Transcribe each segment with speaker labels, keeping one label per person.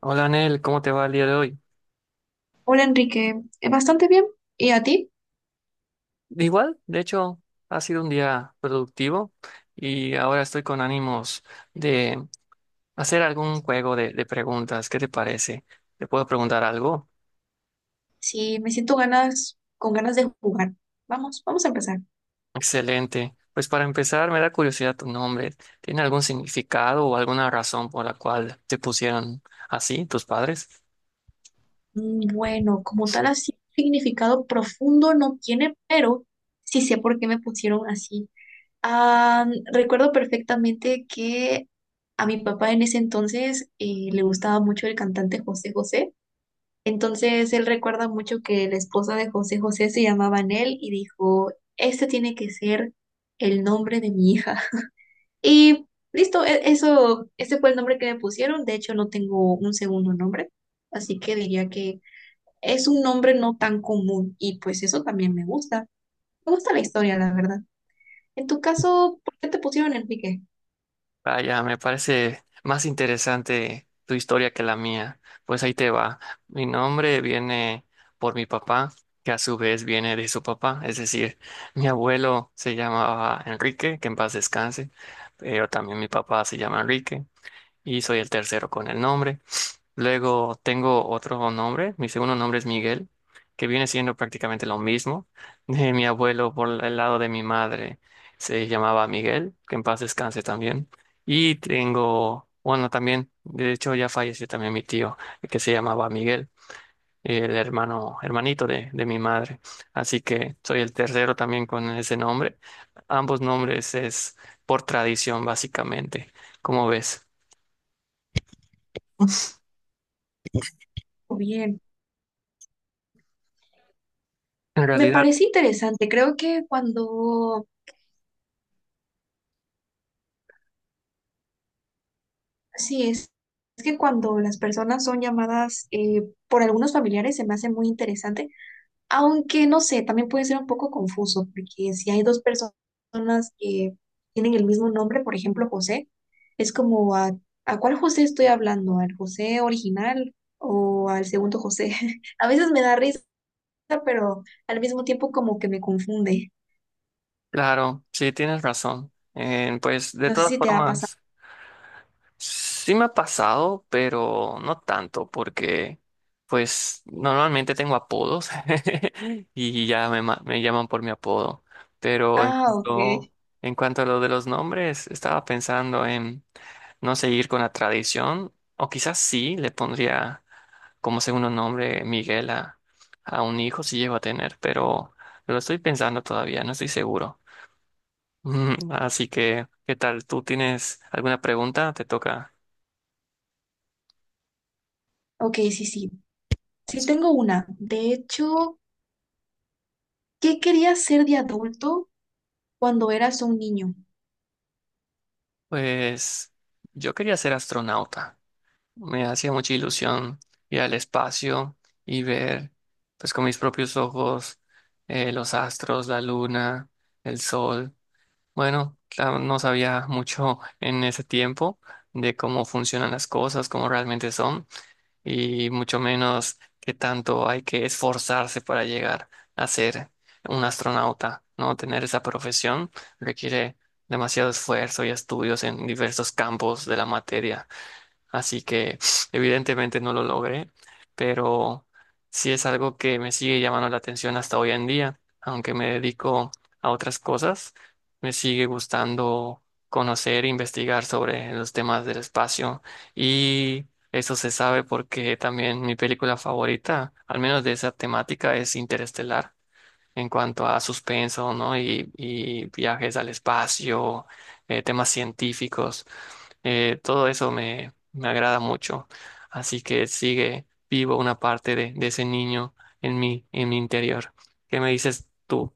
Speaker 1: Hola, Anel, ¿cómo te va el día de hoy?
Speaker 2: Hola Enrique, bastante bien. ¿Y a ti?
Speaker 1: Igual, de hecho, ha sido un día productivo y ahora estoy con ánimos de hacer algún juego de preguntas. ¿Qué te parece? ¿Te puedo preguntar algo?
Speaker 2: Sí, me siento ganas, con ganas de jugar. Vamos, a empezar.
Speaker 1: Excelente. Pues para empezar, me da curiosidad tu nombre. ¿Tiene algún significado o alguna razón por la cual te pusieron así tus padres?
Speaker 2: Bueno, como tal así, significado profundo no tiene, pero sí sé por qué me pusieron así. Ah, recuerdo perfectamente que a mi papá en ese entonces le gustaba mucho el cantante José José. Entonces él recuerda mucho que la esposa de José José se llamaba Nel y dijo, este tiene que ser el nombre de mi hija. Y listo, ese fue el nombre que me pusieron. De hecho, no tengo un segundo nombre, así que diría que es un nombre no tan común y pues eso también me gusta. Me gusta la historia, la verdad. En tu caso, ¿por qué te pusieron Enrique?
Speaker 1: Vaya, me parece más interesante tu historia que la mía. Pues ahí te va. Mi nombre viene por mi papá, que a su vez viene de su papá. Es decir, mi abuelo se llamaba Enrique, que en paz descanse, pero también mi papá se llama Enrique y soy el tercero con el nombre. Luego tengo otro nombre, mi segundo nombre es Miguel, que viene siendo prácticamente lo mismo. De mi abuelo por el lado de mi madre se llamaba Miguel, que en paz descanse también. Y tengo, bueno, también, de hecho ya falleció también mi tío, que se llamaba Miguel, el hermano, hermanito de mi madre. Así que soy el tercero también con ese nombre. Ambos nombres es por tradición, básicamente. ¿Cómo ves?
Speaker 2: Oh, bien,
Speaker 1: En
Speaker 2: me
Speaker 1: realidad.
Speaker 2: parece interesante. Creo que sí, es, es que cuando las personas son llamadas por algunos familiares se me hace muy interesante. Aunque no sé, también puede ser un poco confuso, porque si hay dos personas que tienen el mismo nombre, por ejemplo, José, es ¿a cuál José estoy hablando? ¿Al José original o al segundo José? A veces me da risa, pero al mismo tiempo como que me confunde.
Speaker 1: Claro, sí, tienes razón. Pues de
Speaker 2: No sé
Speaker 1: todas
Speaker 2: si te ha pasado.
Speaker 1: formas, sí me ha pasado, pero no tanto, porque pues normalmente tengo apodos y ya me llaman por mi apodo. Pero en
Speaker 2: Ah, ok.
Speaker 1: cuanto, en cuanto a lo de los nombres, estaba pensando en no seguir con la tradición, o quizás sí le pondría como segundo nombre Miguel a un hijo si llego a tener, pero lo estoy pensando todavía, no estoy seguro. Así que, ¿qué tal? ¿Tú tienes alguna pregunta? Te toca.
Speaker 2: Ok, sí, sí. Sí, tengo una. De hecho, ¿qué querías ser de adulto cuando eras un niño?
Speaker 1: Pues yo quería ser astronauta. Me hacía mucha ilusión ir al espacio y ver, pues con mis propios ojos, los astros, la luna, el sol. Bueno, claro, no sabía mucho en ese tiempo de cómo funcionan las cosas, cómo realmente son. Y mucho menos que tanto hay que esforzarse para llegar a ser un astronauta, ¿no? Tener esa profesión requiere demasiado esfuerzo y estudios en diversos campos de la materia. Así que evidentemente no lo logré, pero sí es algo que me sigue llamando la atención hasta hoy en día, aunque me dedico a otras cosas, me sigue gustando conocer e investigar sobre los temas del espacio y eso se sabe porque también mi película favorita, al menos de esa temática, es Interestelar. En cuanto a suspenso, ¿no? Y viajes al espacio, temas científicos. Todo eso me agrada mucho. Así que sigue vivo una parte de ese niño en mí, en mi interior. ¿Qué me dices tú?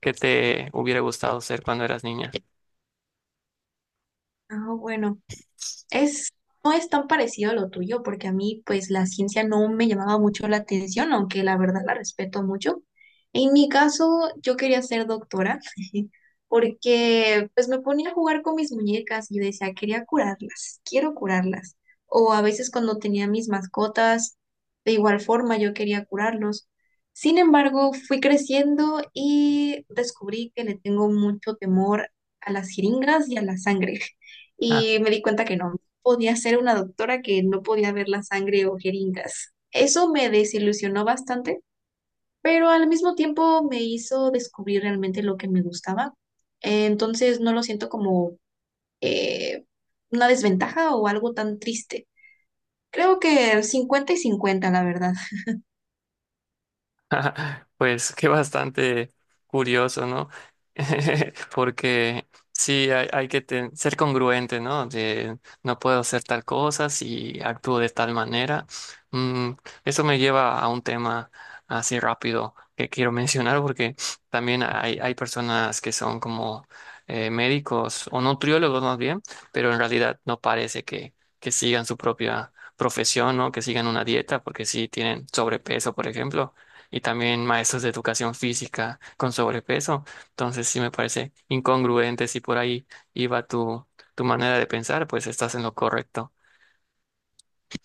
Speaker 1: ¿Qué te hubiera gustado ser cuando eras niña?
Speaker 2: Ah, bueno. Es, no es tan parecido a lo tuyo, porque a mí, pues, la ciencia no me llamaba mucho la atención, aunque la verdad la respeto mucho. En mi caso, yo quería ser doctora, porque, pues, me ponía a jugar con mis muñecas y yo decía, quería curarlas, quiero curarlas. O a veces cuando tenía mis mascotas, de igual forma, yo quería curarlos. Sin embargo, fui creciendo y descubrí que le tengo mucho temor a las jeringas y a la sangre. Y me di cuenta que no podía ser una doctora que no podía ver la sangre o jeringas. Eso me desilusionó bastante, pero al mismo tiempo me hizo descubrir realmente lo que me gustaba. Entonces no lo siento como eh, una desventaja o algo tan triste. Creo que 50 y 50, la verdad.
Speaker 1: Pues que bastante curioso, ¿no? Porque sí, hay que ser congruente, ¿no? De no puedo hacer tal cosa si actúo de tal manera. Mm, Eso me lleva a un tema así rápido que quiero mencionar porque también hay personas que son como médicos o nutriólogos más bien, pero en realidad no parece que sigan su propia profesión, ¿no? Que sigan una dieta porque sí tienen sobrepeso, por ejemplo, y también maestros de educación física con sobrepeso. Entonces sí me parece incongruente si por ahí iba tu manera de pensar, pues estás en lo correcto.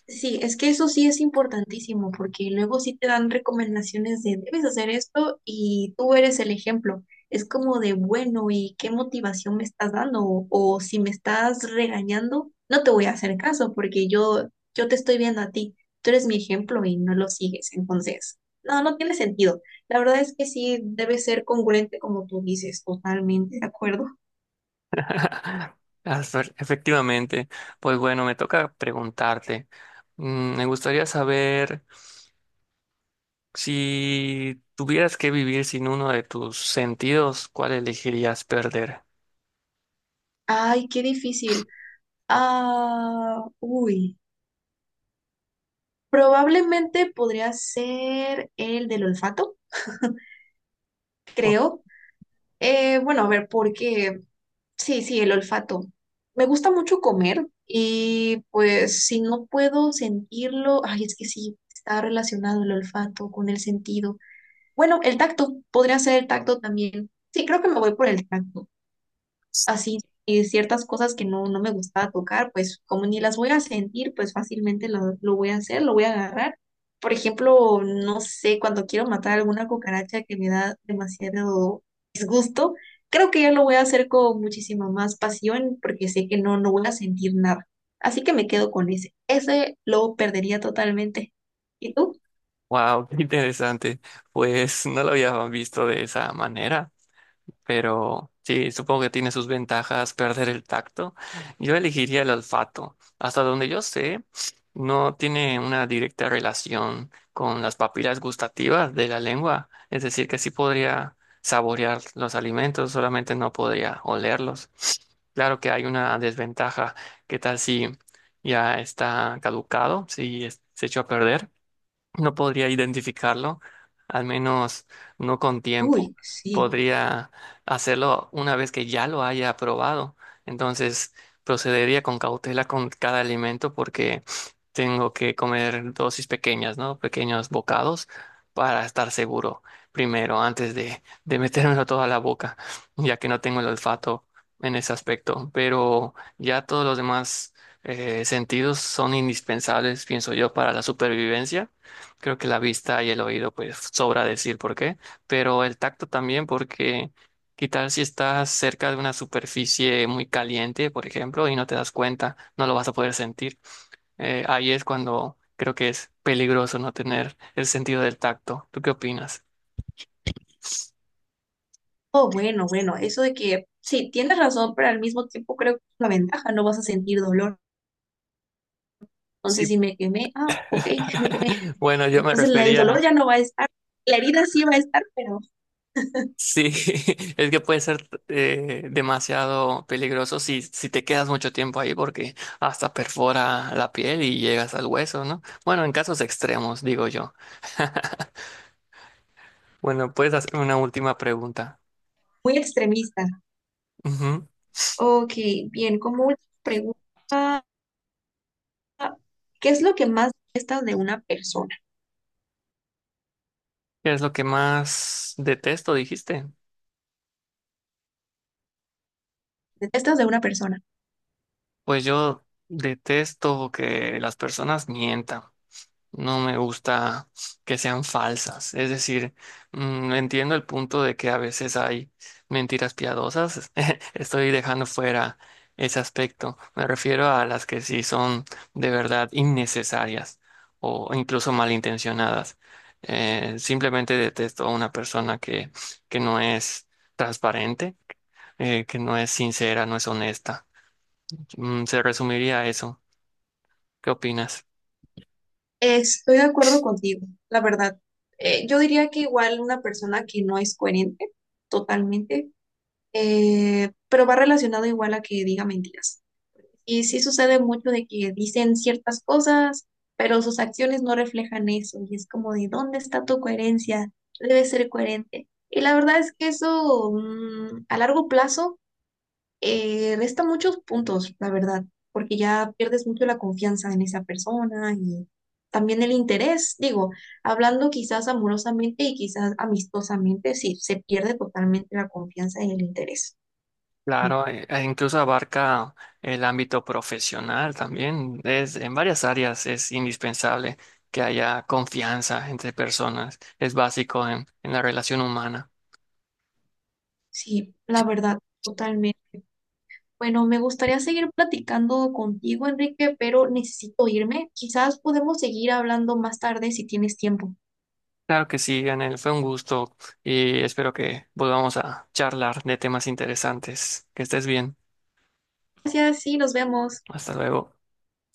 Speaker 2: Sí, es que eso sí es importantísimo, porque luego sí te dan recomendaciones de debes hacer esto y tú eres el ejemplo. Es como de bueno, ¿y qué motivación me estás dando? O si me estás regañando, no te voy a hacer caso, porque yo te estoy viendo a ti. Tú eres mi ejemplo y no lo sigues. Entonces, no, no tiene sentido. La verdad es que sí debe ser congruente como tú dices, totalmente de acuerdo.
Speaker 1: Efectivamente, pues bueno, me toca preguntarte. Me gustaría saber si tuvieras que vivir sin uno de tus sentidos, ¿cuál elegirías perder?
Speaker 2: Ay, qué difícil. Ah, uy. Probablemente podría ser el del olfato, creo. Bueno, a ver, porque sí, sí, el olfato. Me gusta mucho comer y pues si no puedo sentirlo, ay, es que sí, está relacionado el olfato con el sentido. Bueno, el tacto, podría ser el tacto también. Sí, creo que me voy por el tacto. Así y ciertas cosas que no, no me gustaba tocar, pues como ni las voy a sentir, pues fácilmente lo voy a hacer, lo voy a agarrar. Por ejemplo, no sé, cuando quiero matar alguna cucaracha que me da demasiado disgusto, creo que ya lo voy a hacer con muchísima más pasión porque sé que no, no voy a sentir nada. Así que me quedo con ese. Ese lo perdería totalmente. ¿Y tú?
Speaker 1: Wow, qué interesante. Pues no lo había visto de esa manera. Pero sí, supongo que tiene sus ventajas perder el tacto. Yo elegiría el olfato. Hasta donde yo sé, no tiene una directa relación con las papilas gustativas de la lengua. Es decir, que sí podría saborear los alimentos, solamente no podría olerlos. Claro que hay una desventaja. ¿Qué tal si ya está caducado, si se echó a perder? No podría identificarlo, al menos no con tiempo.
Speaker 2: Uy, sí.
Speaker 1: Podría hacerlo una vez que ya lo haya probado. Entonces procedería con cautela con cada alimento porque tengo que comer dosis pequeñas, ¿no? Pequeños bocados para estar seguro primero, antes de metérmelo todo a la boca, ya que no tengo el olfato en ese aspecto. Pero ya todos los demás sentidos son indispensables, pienso yo, para la supervivencia. Creo que la vista y el oído, pues sobra decir por qué, pero el tacto también, porque qué tal si estás cerca de una superficie muy caliente, por ejemplo, y no te das cuenta, no lo vas a poder sentir. Ahí es cuando creo que es peligroso no tener el sentido del tacto. ¿Tú qué opinas?
Speaker 2: Oh, bueno, bueno, eso de que sí, tienes razón, pero al mismo tiempo creo que es una ventaja, no vas a sentir dolor. Entonces,
Speaker 1: Sí,
Speaker 2: si me quemé, ah, ok, me quemé.
Speaker 1: bueno, yo me
Speaker 2: Entonces, el dolor
Speaker 1: refería.
Speaker 2: ya no va a estar. La herida sí va a estar, pero
Speaker 1: Sí, es que puede ser demasiado peligroso si te quedas mucho tiempo ahí porque hasta perfora la piel y llegas al hueso, ¿no? Bueno, en casos extremos, digo yo. Bueno, puedes hacer una última pregunta.
Speaker 2: muy extremista.
Speaker 1: Ujú.
Speaker 2: Ok, bien, como última pregunta, ¿qué es lo que más detestas de una persona?
Speaker 1: ¿Qué es lo que más detesto, dijiste?
Speaker 2: ¿Detestas de una persona?
Speaker 1: Pues yo detesto que las personas mientan. No me gusta que sean falsas. Es decir, entiendo el punto de que a veces hay mentiras piadosas. Estoy dejando fuera ese aspecto. Me refiero a las que sí son de verdad innecesarias o incluso malintencionadas. Simplemente detesto a una persona que no es transparente, que no es sincera, no es honesta. Se resumiría a eso. ¿Qué opinas?
Speaker 2: Estoy de acuerdo contigo, la verdad. Yo diría que igual una persona que no es coherente, totalmente, pero va relacionado igual a que diga mentiras. Y sí sucede mucho de que dicen ciertas cosas, pero sus acciones no reflejan eso. Y es como de, ¿dónde está tu coherencia? Debe ser coherente. Y la verdad es que eso a largo plazo resta muchos puntos, la verdad, porque ya pierdes mucho la confianza en esa persona y también el interés. Digo, hablando quizás amorosamente y quizás amistosamente, sí, se pierde totalmente la confianza y el interés.
Speaker 1: Claro, e- e incluso abarca el ámbito profesional también. Es, en varias áreas es indispensable que haya confianza entre personas. Es básico en la relación humana.
Speaker 2: Sí, la verdad, totalmente. Bueno, me gustaría seguir platicando contigo, Enrique, pero necesito irme. Quizás podemos seguir hablando más tarde si tienes tiempo.
Speaker 1: Claro que sí, Anel, fue un gusto y espero que volvamos a charlar de temas interesantes. Que estés bien.
Speaker 2: Gracias, sí, nos vemos.
Speaker 1: Hasta luego.